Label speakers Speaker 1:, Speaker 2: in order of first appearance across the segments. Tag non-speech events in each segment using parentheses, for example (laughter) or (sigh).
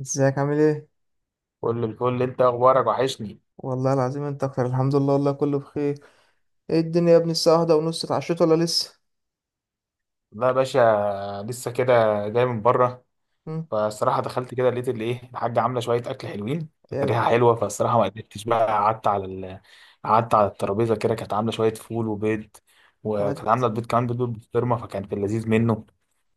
Speaker 1: ازيك عامل ايه؟
Speaker 2: كل الفل، انت اخبارك وحشني.
Speaker 1: والله العظيم انت اكتر. الحمد لله والله كله بخير. ايه الدنيا يا ابني الساعة واحدة ونص، اتعشيت ولا لسه؟
Speaker 2: لا يا باشا، لسه كده. جاي من بره.
Speaker 1: مم،
Speaker 2: فالصراحه دخلت كده لقيت اللي ايه، الحاجه عامله شويه اكل حلوين، كانت ريحه
Speaker 1: العب
Speaker 2: حلوه، فالصراحه ما قدرتش بقى. قعدت على الترابيزه كده، كانت عامله شويه فول وبيض.
Speaker 1: ود.
Speaker 2: وكانت عامله البيض كمان بيض بالبسطرمه، فكان في اللذيذ منه.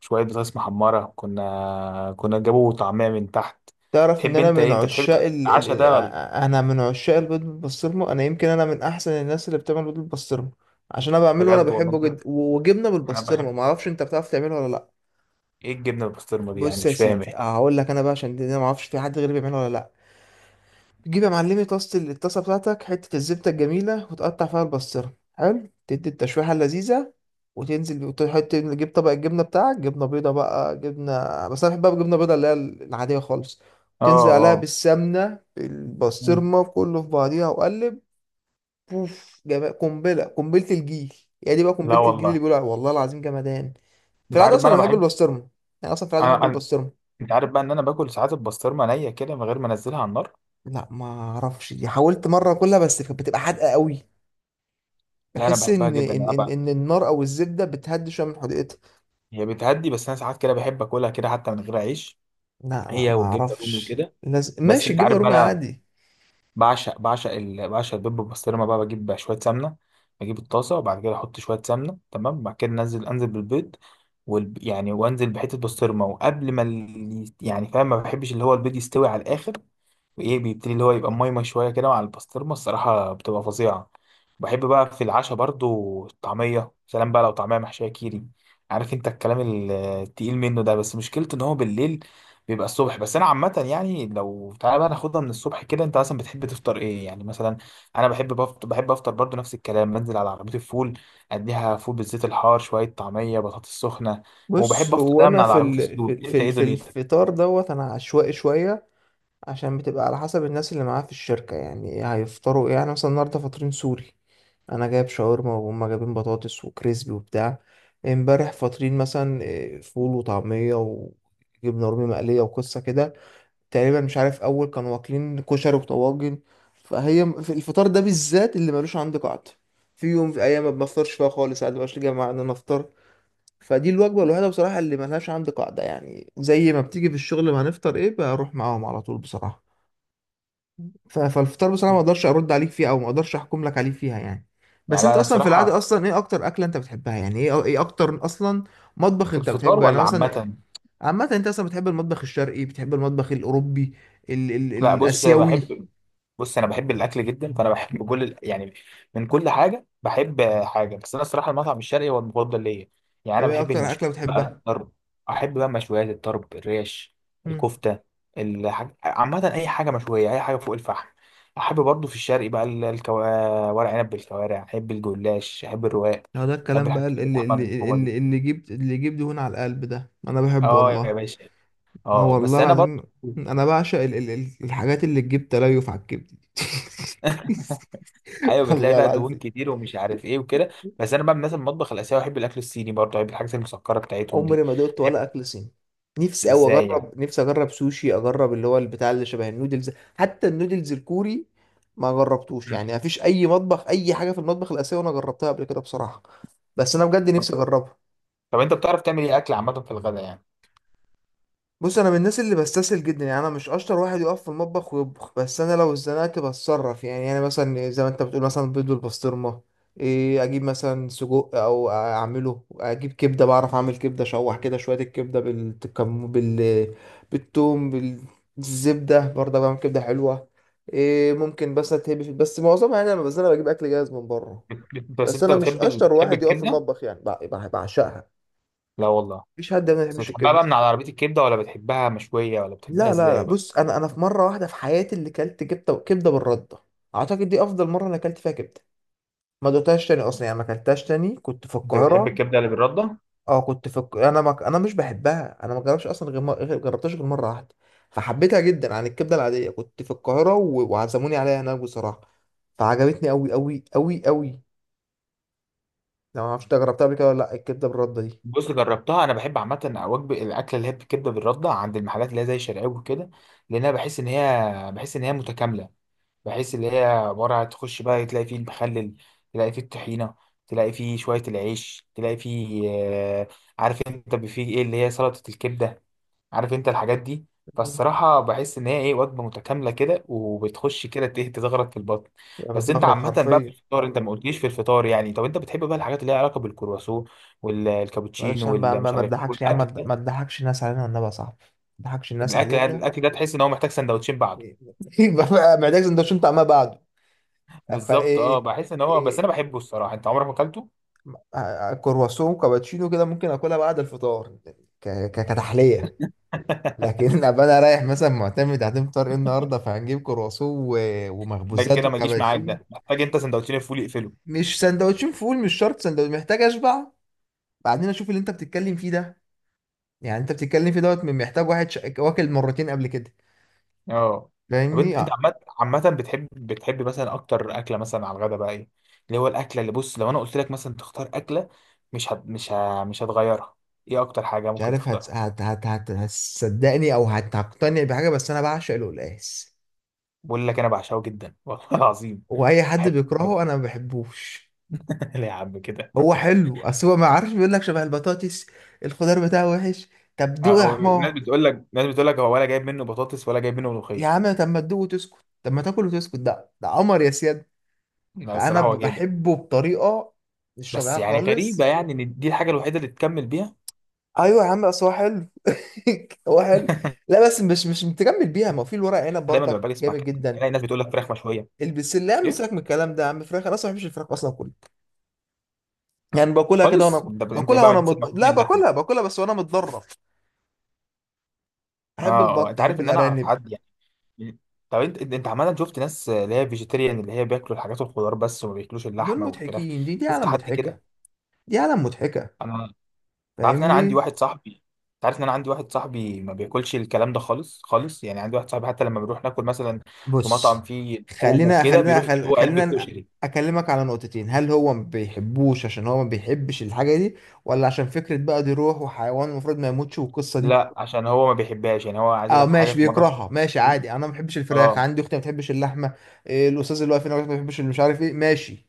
Speaker 2: شويه بطاطس محمره، كنا جابوا طعميه من تحت.
Speaker 1: تعرف ان
Speaker 2: تحب
Speaker 1: انا
Speaker 2: انت
Speaker 1: من
Speaker 2: ايه؟ انت بتحب
Speaker 1: عشاق
Speaker 2: تعمل العشاء ده ولا؟
Speaker 1: انا من عشاق البيض بالبسطرمة. انا يمكن انا من احسن الناس اللي بتعمل بيض بالبسطرمة، عشان انا بعمله وانا
Speaker 2: بجد والله
Speaker 1: بحبه
Speaker 2: انت.
Speaker 1: جدا. و- وجبنة
Speaker 2: انا
Speaker 1: بالبسطرمة،
Speaker 2: بحب.
Speaker 1: معرفش انت بتعرف تعمله ولا لا.
Speaker 2: ايه الجبنه بالبسطرمه دي يعني؟
Speaker 1: بص يا
Speaker 2: مش فاهم
Speaker 1: سيدي
Speaker 2: ايه.
Speaker 1: هقول لك انا بقى، عشان دي ما اعرفش في حد غيري بيعمله ولا لا. تجيب يا معلمي طاسة ال- الطاسة بتاعتك، حتة الزبدة الجميلة وتقطع فيها البصرة حلو، تدي التشويحة اللذيذة وتنزل وتحط، تجيب طبق الجبنة بتاعك، جبنة بيضة بقى، جبنة، بس أنا بحب بقى جبنة بيضة اللي هي العادية خالص.
Speaker 2: اه،
Speaker 1: تنزل عليها
Speaker 2: اه.
Speaker 1: بالسمنة
Speaker 2: مم.
Speaker 1: بالبسطرمة، كله في بعضيها وقلب. بوف، جمال، قنبلة، قنبلة الجيل. هي دي بقى
Speaker 2: لا
Speaker 1: قنبلة الجيل اللي
Speaker 2: والله.
Speaker 1: بيقولوا عليها، والله العظيم جمدان. في
Speaker 2: انت
Speaker 1: العادة
Speaker 2: عارف
Speaker 1: أصلا
Speaker 2: بقى
Speaker 1: أنا
Speaker 2: انا
Speaker 1: بحب
Speaker 2: بحب.
Speaker 1: البسطرمة. يعني أصلا في العادة
Speaker 2: انا
Speaker 1: بحب
Speaker 2: أنا-
Speaker 1: البسطرمة.
Speaker 2: انت عارف بقى ان انا باكل ساعات البسطرمه نيه كده من غير ما انزلها على النار.
Speaker 1: لا ما أعرفش، دي حاولت مرة كلها بس كانت بتبقى حادقة قوي.
Speaker 2: لا، انا
Speaker 1: بحس
Speaker 2: بحبها
Speaker 1: ان
Speaker 2: جدا،
Speaker 1: ان
Speaker 2: انا
Speaker 1: ان
Speaker 2: بقى.
Speaker 1: ان النار او الزبده بتهدي شويه من حديقتها.
Speaker 2: هي بتهدي، بس انا ساعات كده بحب اكلها كده حتى من غير عيش.
Speaker 1: لا لا
Speaker 2: هي
Speaker 1: ما
Speaker 2: والجبنه الرومي
Speaker 1: اعرفش.
Speaker 2: وكده.
Speaker 1: لازم
Speaker 2: بس
Speaker 1: ماشي،
Speaker 2: انت
Speaker 1: الجبنه
Speaker 2: عارف بقى
Speaker 1: الرومي
Speaker 2: انا
Speaker 1: عادي.
Speaker 2: بعشق البيض بالبسطرمه بقى. بجيب بقى شويه سمنه، بجيب الطاسه، وبعد كده احط شويه سمنه، تمام. بعد كده انزل بالبيض يعني وانزل بحته بسطرمه، وقبل ما يعني فاهم، ما بحبش اللي هو البيض يستوي على الاخر. ايه، بيبتدي اللي هو يبقى مايمة شوية كده، مع البسطرمة الصراحة بتبقى فظيعة. بحب بقى في العشاء برضو الطعمية، سلام بقى لو طعمية محشية كيري. عارف انت الكلام التقيل منه ده، بس مشكلته ان هو بالليل بيبقى الصبح. بس انا عامة، يعني لو تعالى بقى ناخدها من الصبح كده، انت مثلا بتحب تفطر ايه يعني مثلا؟ انا بحب افطر برضو نفس الكلام. بنزل على عربية الفول، اديها فول بالزيت الحار، شوية طعمية، بطاطس سخنة.
Speaker 1: بص،
Speaker 2: وبحب افطر
Speaker 1: هو
Speaker 2: دايما من
Speaker 1: انا
Speaker 2: على
Speaker 1: في
Speaker 2: عربية
Speaker 1: ال... في
Speaker 2: السلوك.
Speaker 1: ال... في
Speaker 2: انت ايه
Speaker 1: ال... في
Speaker 2: دنيتك؟
Speaker 1: الفطار دوت انا عشوائي شويه، عشان بتبقى على حسب الناس اللي معايا في الشركه، يعني هيفطروا ايه. يعني مثلا النهارده فاطرين، سوري، انا جايب شاورما وهم جايبين بطاطس وكريسبي وبتاع. امبارح فاطرين مثلا إيه، فول وطعميه وجبنه رومي مقليه وقصه كده. تقريبا مش عارف اول كانوا واكلين كشري وطواجن. فهي في الفطار ده بالذات اللي ملوش عندي قاعدة. في يوم، في ايام ما بنفطرش فيها خالص، عادي مبقاش لي جماعه ان انا افطر. فدي الوجبه الوحيده بصراحه اللي ملهاش عندي قاعده، يعني زي ما بتيجي في الشغل، ما هنفطر ايه بروح معاهم على طول بصراحه. ف- فالفطار بصراحه ما اقدرش ارد عليك فيه، او ما اقدرش احكم لك عليه فيها يعني.
Speaker 2: يعني
Speaker 1: بس
Speaker 2: لا،
Speaker 1: انت
Speaker 2: انا
Speaker 1: اصلا في العاده،
Speaker 2: الصراحة.
Speaker 1: اصلا ايه اكتر اكله انت بتحبها؟ يعني ايه ايه اكتر اصلا مطبخ
Speaker 2: في
Speaker 1: انت
Speaker 2: الفطار
Speaker 1: بتحبه؟ يعني
Speaker 2: ولا
Speaker 1: مثلا
Speaker 2: عامة؟
Speaker 1: عامة انت اصلا بتحب المطبخ الشرقي، بتحب المطبخ الاوروبي، ال ال
Speaker 2: لا، بص أنا
Speaker 1: الاسيوي؟
Speaker 2: بحب. بص انا بحب الاكل جدا، فانا بحب كل يعني من كل حاجه بحب حاجه، بس انا الصراحه المطعم الشرقي هو المفضل ليا. يعني
Speaker 1: طب
Speaker 2: انا
Speaker 1: ايه
Speaker 2: بحب
Speaker 1: اكتر
Speaker 2: المشويات
Speaker 1: اكلة
Speaker 2: بقى،
Speaker 1: بتحبها؟
Speaker 2: الطرب. احب بقى مشويات الطرب، الريش،
Speaker 1: امم.
Speaker 2: الكفته. عامه اي حاجه مشويه، اي حاجه فوق الفحم. احب برضو في الشرقي بقى ورق عنب بالكوارع. احب الجلاش، احب الرواق.
Speaker 1: لا ده
Speaker 2: احب
Speaker 1: الكلام بقى
Speaker 2: الحاجات اللي
Speaker 1: اللي
Speaker 2: باللحمه
Speaker 1: اللي
Speaker 2: المفرومه دي.
Speaker 1: اللي, اللي جبت اللي جيب دهون على القلب ده، انا بحبه
Speaker 2: اه يا
Speaker 1: والله.
Speaker 2: باشا.
Speaker 1: اه
Speaker 2: اه، بس
Speaker 1: والله
Speaker 2: انا برضو
Speaker 1: العظيم. انا بعشق الحاجات اللي تجيب تليف على الكبد دي.
Speaker 2: (laughs) ايوه،
Speaker 1: (laughs)
Speaker 2: بتلاقي
Speaker 1: والله
Speaker 2: فيها دهون
Speaker 1: العظيم.
Speaker 2: كتير ومش عارف ايه وكده. بس انا بقى من الناس المطبخ الاسيوي. بحب الاكل الصيني برضه، بحب الحاجات المسكره بتاعتهم دي.
Speaker 1: عمري ما دقت ولا
Speaker 2: بحب.
Speaker 1: اكل صيني. نفسي قوي
Speaker 2: ازاي يعني؟
Speaker 1: اجرب، نفسي اجرب سوشي، اجرب اللي هو البتاع اللي شبه النودلز. حتى النودلز الكوري ما جربتوش.
Speaker 2: مم.
Speaker 1: يعني ما فيش اي مطبخ، اي حاجه في المطبخ الاسيوي انا جربتها قبل كده بصراحه. بس انا بجد
Speaker 2: طب
Speaker 1: نفسي اجربها.
Speaker 2: طب انت بتعرف تعمل ايه اكل عامه في الغداء يعني؟
Speaker 1: بص انا من الناس اللي بستسهل جدا، يعني انا مش اشطر واحد يقف في المطبخ ويطبخ، بس انا لو اتزنقت بتصرف. يعني يعني مثلا زي ما انت بتقول مثلا بيض والبسطرمه، إيه اجيب مثلا سجق او اعمله، اجيب كبده، بعرف اعمل كبده، اشوح كده شويه الكبده بالكم، بالثوم، بالزبده، برضه بعمل كبده حلوه. إيه، ممكن بس اتهبي في، بس معظمها يعني انا، بس انا بجيب اكل جاهز من بره.
Speaker 2: بس
Speaker 1: بس
Speaker 2: انت
Speaker 1: انا مش
Speaker 2: بتحب
Speaker 1: اشطر
Speaker 2: بتحب
Speaker 1: واحد يقف في
Speaker 2: الكبده.
Speaker 1: المطبخ، يعني بعشقها.
Speaker 2: لا والله.
Speaker 1: مفيش حد ما
Speaker 2: بس
Speaker 1: يحبش
Speaker 2: بتحبها بقى من
Speaker 1: الكبده.
Speaker 2: على عربيه الكبده، ولا بتحبها مشويه، ولا بتحبها
Speaker 1: لا لا لا
Speaker 2: ازاي بقى؟
Speaker 1: بص، انا انا في مره واحده في حياتي اللي كلت كبده، كبده بالرده. اعتقد دي افضل مره انا كلت فيها كبده. ما دوتهاش تاني اصلا، يعني ما كلتهاش تاني، كنت في
Speaker 2: انت بتحب
Speaker 1: القاهره.
Speaker 2: الكبده اللي بالرده.
Speaker 1: اه كنت في انا ما... انا مش بحبها، انا ما جربتش اصلا غير م... غير- جربتهاش غير مره واحده، فحبيتها جدا عن الكبده العاديه. كنت في القاهره وعزموني عليها هناك بصراحه، فعجبتني قوي قوي قوي قوي. لو ما اعرفش إنت جربتها قبل كده ولا لا الكبده بالرده دي.
Speaker 2: بص، جربتها، انا بحب عامه وجبه الاكله اللي هي بالكبده بالرده عند المحلات اللي هي زي شرقاوي وكده، لان انا بحس ان هي متكامله. بحيث اللي هي عبارة عن تخش بقى تلاقي فيه المخلل، تلاقي فيه الطحينة، تلاقي فيه شوية العيش، تلاقي فيه آه، عارف انت فيه ايه اللي هي سلطة الكبدة. عارف انت الحاجات دي.
Speaker 1: مم.
Speaker 2: فالصراحة بحس ان هي ايه، وجبة متكاملة كده، وبتخش كده تزغرط في البطن.
Speaker 1: يعني
Speaker 2: بس انت
Speaker 1: بتزغرط
Speaker 2: عامة بقى في
Speaker 1: حرفيا.
Speaker 2: الفطار، انت ما قلتليش في الفطار يعني. طب انت بتحب بقى الحاجات اللي ليها علاقة بالكرواسون
Speaker 1: معلش
Speaker 2: والكابتشينو
Speaker 1: يا عم بقى، ما
Speaker 2: والمش
Speaker 1: ما
Speaker 2: عارف ايه
Speaker 1: تضحكش يا عم،
Speaker 2: والاكل ده؟
Speaker 1: ما تضحكش الناس علينا والنبي يا صاحبي، ما تضحكش الناس
Speaker 2: الاكل يعني،
Speaker 1: علينا.
Speaker 2: الاكل ده تحس ان هو محتاج سندوتشين بعده.
Speaker 1: يبقى بقى محتاج سندوتشين طعمها بعده.
Speaker 2: (laughs) بالظبط، اه،
Speaker 1: فايه.
Speaker 2: بحس ان هو، بس انا
Speaker 1: إيه.
Speaker 2: بحبه الصراحة. انت عمرك ما اكلته؟
Speaker 1: آه، كرواسون وكابتشينو كده ممكن اكلها بعد الفطار كتحليه.
Speaker 2: (laughs)
Speaker 1: لكن (laughs) ابقى انا رايح مثلا معتمد، هتفطر فطار ايه النهارده؟ فهنجيب كرواسون و-
Speaker 2: ده
Speaker 1: ومخبوزات
Speaker 2: كده ما يجيش معاك،
Speaker 1: وكابتشينو.
Speaker 2: ده محتاج انت سندوتشين الفول يقفله.
Speaker 1: مش سندوتشين فول، مش شرط سندوتش، محتاج اشبع، بعدين اشوف اللي انت بتتكلم فيه ده. يعني انت بتتكلم فيه دوت، محتاج واحد واكل مرتين قبل كده.
Speaker 2: اه. طب
Speaker 1: فاهمني
Speaker 2: انت
Speaker 1: آه.
Speaker 2: عامه، عامه بتحب، مثلا اكتر اكله مثلا على الغدا بقى ايه، اللي هو الاكله اللي، بص لو انا قلت لك مثلا تختار اكله مش هت... مش ه... مش هتغيرها، ايه اكتر حاجه
Speaker 1: مش
Speaker 2: ممكن
Speaker 1: عارف
Speaker 2: تختارها؟
Speaker 1: هتصدقني او هتقتنع بحاجه، بس انا بعشق القلقاس.
Speaker 2: بقول لك، انا بعشقه جدا والله (laughs) العظيم.
Speaker 1: واي حد
Speaker 2: بحب بحب.
Speaker 1: بيكرهه انا ما بحبوش.
Speaker 2: (laughs) ليه يا عم كده؟
Speaker 1: هو حلو، اصل هو ما عارفش بيقول لك شبه البطاطس، الخضار بتاعه وحش. طب
Speaker 2: اه،
Speaker 1: دوق يا
Speaker 2: او الناس
Speaker 1: حمار.
Speaker 2: بتقول لك، هو ولا جايب منه بطاطس ولا جايب منه
Speaker 1: يا
Speaker 2: ملوخيه.
Speaker 1: عم طب ما تدوق وتسكت، طب ما تاكل وتسكت، ده ده قمر يا سياد.
Speaker 2: لا
Speaker 1: فانا
Speaker 2: الصراحه هو جايب.
Speaker 1: بحبه بطريقه مش
Speaker 2: بس
Speaker 1: طبيعيه
Speaker 2: يعني غريبه
Speaker 1: خالص.
Speaker 2: يعني، ان دي الحاجه الوحيده اللي تكمل بيها.
Speaker 1: ايوه يا عم، اصل هو حلو. (laughs) هو حلو. لا بس مش متجمل بيها، ما هو في الورق عنب
Speaker 2: دايما لما
Speaker 1: برضك
Speaker 2: باجي اسمع
Speaker 1: جامد
Speaker 2: كلام،
Speaker 1: جدا.
Speaker 2: الاقي ناس بتقول لك فراخ مشويه.
Speaker 1: البسله يا عم سيبك من الكلام ده يا عم، فراخ انا اصلا ما بحبش الفراخ اصلا كله، يعني باكلها كده
Speaker 2: خالص.
Speaker 1: وانا
Speaker 2: انت
Speaker 1: باكلها
Speaker 2: يبقى من
Speaker 1: وانا
Speaker 2: الناس
Speaker 1: مد... لا
Speaker 2: المحبين اللحمه.
Speaker 1: باكلها، باكلها بس وانا متضرر. احب
Speaker 2: اه. اه،
Speaker 1: البط،
Speaker 2: انت عارف
Speaker 1: احب
Speaker 2: ان انا اعرف
Speaker 1: الارانب.
Speaker 2: حد، يعني. طب انت عمال، شفت ناس اللي هي فيجيتيريان، اللي هي بياكلوا الحاجات والخضار بس وما بياكلوش
Speaker 1: دول
Speaker 2: اللحمه والفراخ؟
Speaker 1: مضحكين، دي دي
Speaker 2: شفت
Speaker 1: عالم
Speaker 2: حد كده؟
Speaker 1: مضحكه، دي عالم مضحكه.
Speaker 2: انت عارف ان انا عندي
Speaker 1: فاهمني.
Speaker 2: واحد صاحبي. انت عارف ان انا عندي واحد صاحبي ما بياكلش الكلام ده خالص خالص، يعني عندي واحد صاحبي حتى لما بنروح ناكل مثلا في مطعم
Speaker 1: بص
Speaker 2: فيه لحوم وكده، بيروح يجيب هو علبه
Speaker 1: خلينا
Speaker 2: كشري.
Speaker 1: اكلمك على نقطتين، هل هو ما بيحبوش عشان هو ما بيحبش الحاجه دي، ولا عشان فكره بقى دي روح وحيوان المفروض ما يموتش والقصه دي.
Speaker 2: لا، عشان هو ما بيحبهاش، يعني هو عايز اقول
Speaker 1: اه
Speaker 2: لك حاجه،
Speaker 1: ماشي
Speaker 2: في مره
Speaker 1: بيكرهها ماشي عادي، انا ما بحبش الفراخ،
Speaker 2: اه،
Speaker 1: عندي اختي ما بتحبش اللحمه. إيه، الاستاذ اللي واقف هنا ما بيحبش اللي مش عارف ايه، ماشي،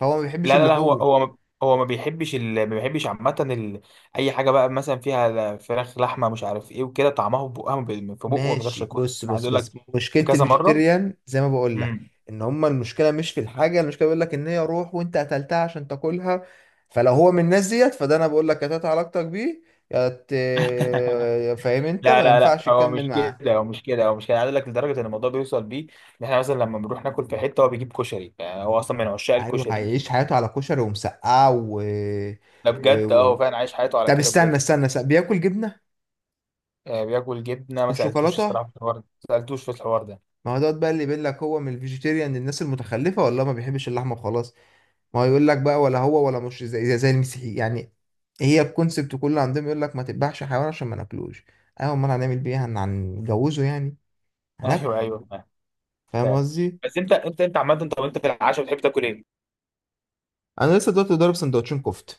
Speaker 1: فهو ما بيحبش
Speaker 2: لا لا لا،
Speaker 1: اللحوم.
Speaker 2: هو ما بيحبش عامة أي حاجة بقى مثلا فيها فراخ، لحمة، مش عارف إيه وكده، طعمها في بقها، ما في بقه ما بيقدرش
Speaker 1: ماشي
Speaker 2: ياكلها.
Speaker 1: بص
Speaker 2: أنا عايز
Speaker 1: بص
Speaker 2: أقول لك
Speaker 1: بص، مشكلة
Speaker 2: كذا مرة.
Speaker 1: الفيجيتيريان زي ما بقول لك،
Speaker 2: امم.
Speaker 1: ان هما المشكلة مش في الحاجة، المشكلة بيقول لك ان هي روح وانت قتلتها عشان تاكلها. فلو هو من الناس ديت، فده انا بقول لك قطعت علاقتك بيه، يا ت-
Speaker 2: (laughs)
Speaker 1: يا فاهم، انت
Speaker 2: لا
Speaker 1: ما
Speaker 2: لا لا،
Speaker 1: ينفعش
Speaker 2: هو
Speaker 1: تكمل
Speaker 2: مش
Speaker 1: معاه.
Speaker 2: كده، هو مش كده، هو مش كده، عايز اقول لك لدرجه ان الموضوع بيوصل بيه ان احنا مثلا لما بنروح ناكل في حته، هو بيجيب كشري، يعني هو اصلا من عشاق
Speaker 1: ايوه،
Speaker 2: الكشري.
Speaker 1: هيعيش حياته على كشري ومسقعة
Speaker 2: ده
Speaker 1: و...
Speaker 2: بجد، اه، هو
Speaker 1: و...
Speaker 2: فعلا عايش حياته على
Speaker 1: طب
Speaker 2: كده بجد.
Speaker 1: استنى. بياكل جبنة
Speaker 2: آه، بياكل جبنه، ما سالتوش
Speaker 1: وشوكولاتة؟
Speaker 2: الصراحه في الحوار ده. ما سالتوش في الحوار ده.
Speaker 1: ما هو دوت بقى اللي بيقول لك، هو من الفيجيتيريان للناس المتخلفة ولا ما بيحبش اللحمة وخلاص. ما هو يقول لك بقى، ولا هو ولا مش زي المسيحي يعني، هي الكونسبت كله عندهم يقول لك ما تذبحش حيوان عشان ما ناكلوش. ايوه، امال هنعمل بيه إيه؟ هنجوزه يعني؟
Speaker 2: (laughs)
Speaker 1: هناكله.
Speaker 2: ايوه، ايوه،
Speaker 1: فاهم
Speaker 2: فعلا.
Speaker 1: قصدي.
Speaker 2: بس انت عامه، طب انت في العشاء بتحب تاكل ايه؟
Speaker 1: انا لسه دلوقتي ضارب سندوتشين كفته،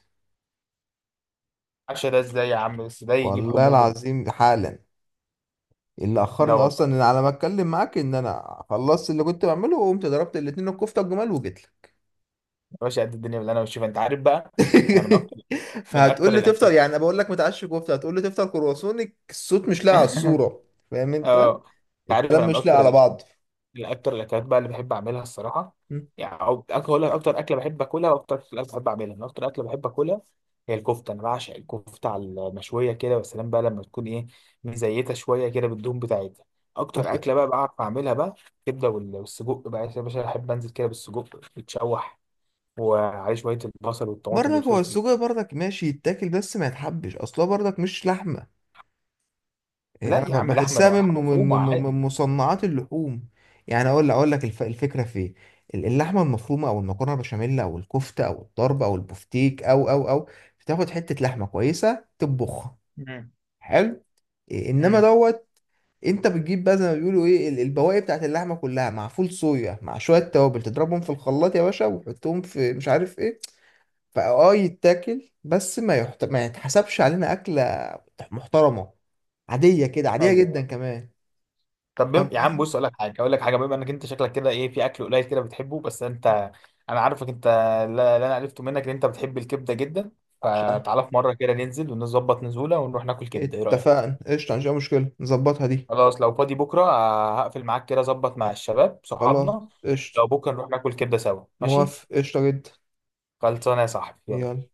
Speaker 2: العشاء ده ازاي يا عم؟ بس ده يجيب
Speaker 1: والله
Speaker 2: حموضه.
Speaker 1: العظيم حالا. اللي
Speaker 2: لا
Speaker 1: اخرني
Speaker 2: والله.
Speaker 1: اصلا ان على ما اتكلم معاك، ان انا خلصت اللي كنت بعمله وقمت ضربت الاتنين الكفته الجمال وجيت لك.
Speaker 2: يا باشا، قد الدنيا باللي انا بشوفها، انت عارف بقى، انا
Speaker 1: (laughs)
Speaker 2: من
Speaker 1: فهتقول
Speaker 2: اكتر
Speaker 1: لي تفطر،
Speaker 2: الاكل.
Speaker 1: يعني انا بقول لك ما تعش كفته هتقول لي تفطر كرواسونك، الصوت مش لاقي على
Speaker 2: (laughs)
Speaker 1: الصوره. فاهم انت،
Speaker 2: اه. انت عارف
Speaker 1: الكلام
Speaker 2: انا من
Speaker 1: مش لاقي على
Speaker 2: اكتر
Speaker 1: بعض.
Speaker 2: الاكلات بقى اللي بحب اعملها، الصراحه،
Speaker 1: م.
Speaker 2: يعني. او اقول لك، اكتر اكله بحب اكلها، واكتر اكله بحب اعملها. انا اكتر اكله بحب اكلها هي الكفته. انا بعشق الكفته على المشويه كده والسلام بقى، لما تكون ايه، مزيته شويه كده بالدهون بتاعتها. اكتر اكله
Speaker 1: كفته.
Speaker 2: بقى بعرف اعملها بقى، الكبده والسجق بقى يا باشا. احب انزل كده بالسجق يتشوح، وعليه شويه البصل والطماطم
Speaker 1: برضك هو
Speaker 2: والفلفل.
Speaker 1: السجق برضك ماشي يتاكل، بس ما يتحبش اصلا برضك مش لحمه. إيه،
Speaker 2: لا يا
Speaker 1: انا
Speaker 2: عم، لحمه، ما
Speaker 1: بحسها
Speaker 2: هو
Speaker 1: من
Speaker 2: لحمه
Speaker 1: من
Speaker 2: مفرومه
Speaker 1: من
Speaker 2: عادي.
Speaker 1: من مصنعات اللحوم. يعني اقول لك الفكره في إيه؟ اللحمه المفرومه، او المكرونه بشاميل، او الكفته، او الطرب، او البفتيك، او بتاخد حته لحمه كويسه تطبخها.
Speaker 2: امم،
Speaker 1: حلو. إيه، انما
Speaker 2: امم.
Speaker 1: دوت انت بتجيب بقى زي ما بيقولوا ايه البواقي بتاعت اللحمه كلها مع فول صويا، مع شويه توابل، تضربهم في الخلاط يا باشا وتحطهم في مش عارف ايه. فاه يتاكل، بس ما يتحسبش علينا اكله محترمه، عاديه كده، عاديه جدا
Speaker 2: ايوه.
Speaker 1: كمان.
Speaker 2: طب
Speaker 1: فاهم
Speaker 2: يا عم،
Speaker 1: قصدي.
Speaker 2: بص اقول لك حاجه، بما انك انت شكلك كده ايه، في اكل قليل كده بتحبه بس انت. انا عارفك انت، لا لا، انا عرفته منك، ان انت بتحب الكبده جدا.
Speaker 1: بعشقها.
Speaker 2: فتعالى في مره كده ننزل ونظبط نزوله، ونروح ناكل كبده، ايه رايك؟
Speaker 1: اتفقنا قشطه، مفيش أي مشكله نظبطها دي.
Speaker 2: خلاص، لو فاضي بكره آه، هقفل معاك كده، ظبط مع الشباب
Speaker 1: خلاص،
Speaker 2: صحابنا
Speaker 1: قشطه.
Speaker 2: لو بكره نروح ناكل كبده سوا، ماشي؟
Speaker 1: موافق قشطه جدا.
Speaker 2: خلصانه يا صاحبي، يلا.
Speaker 1: يلا.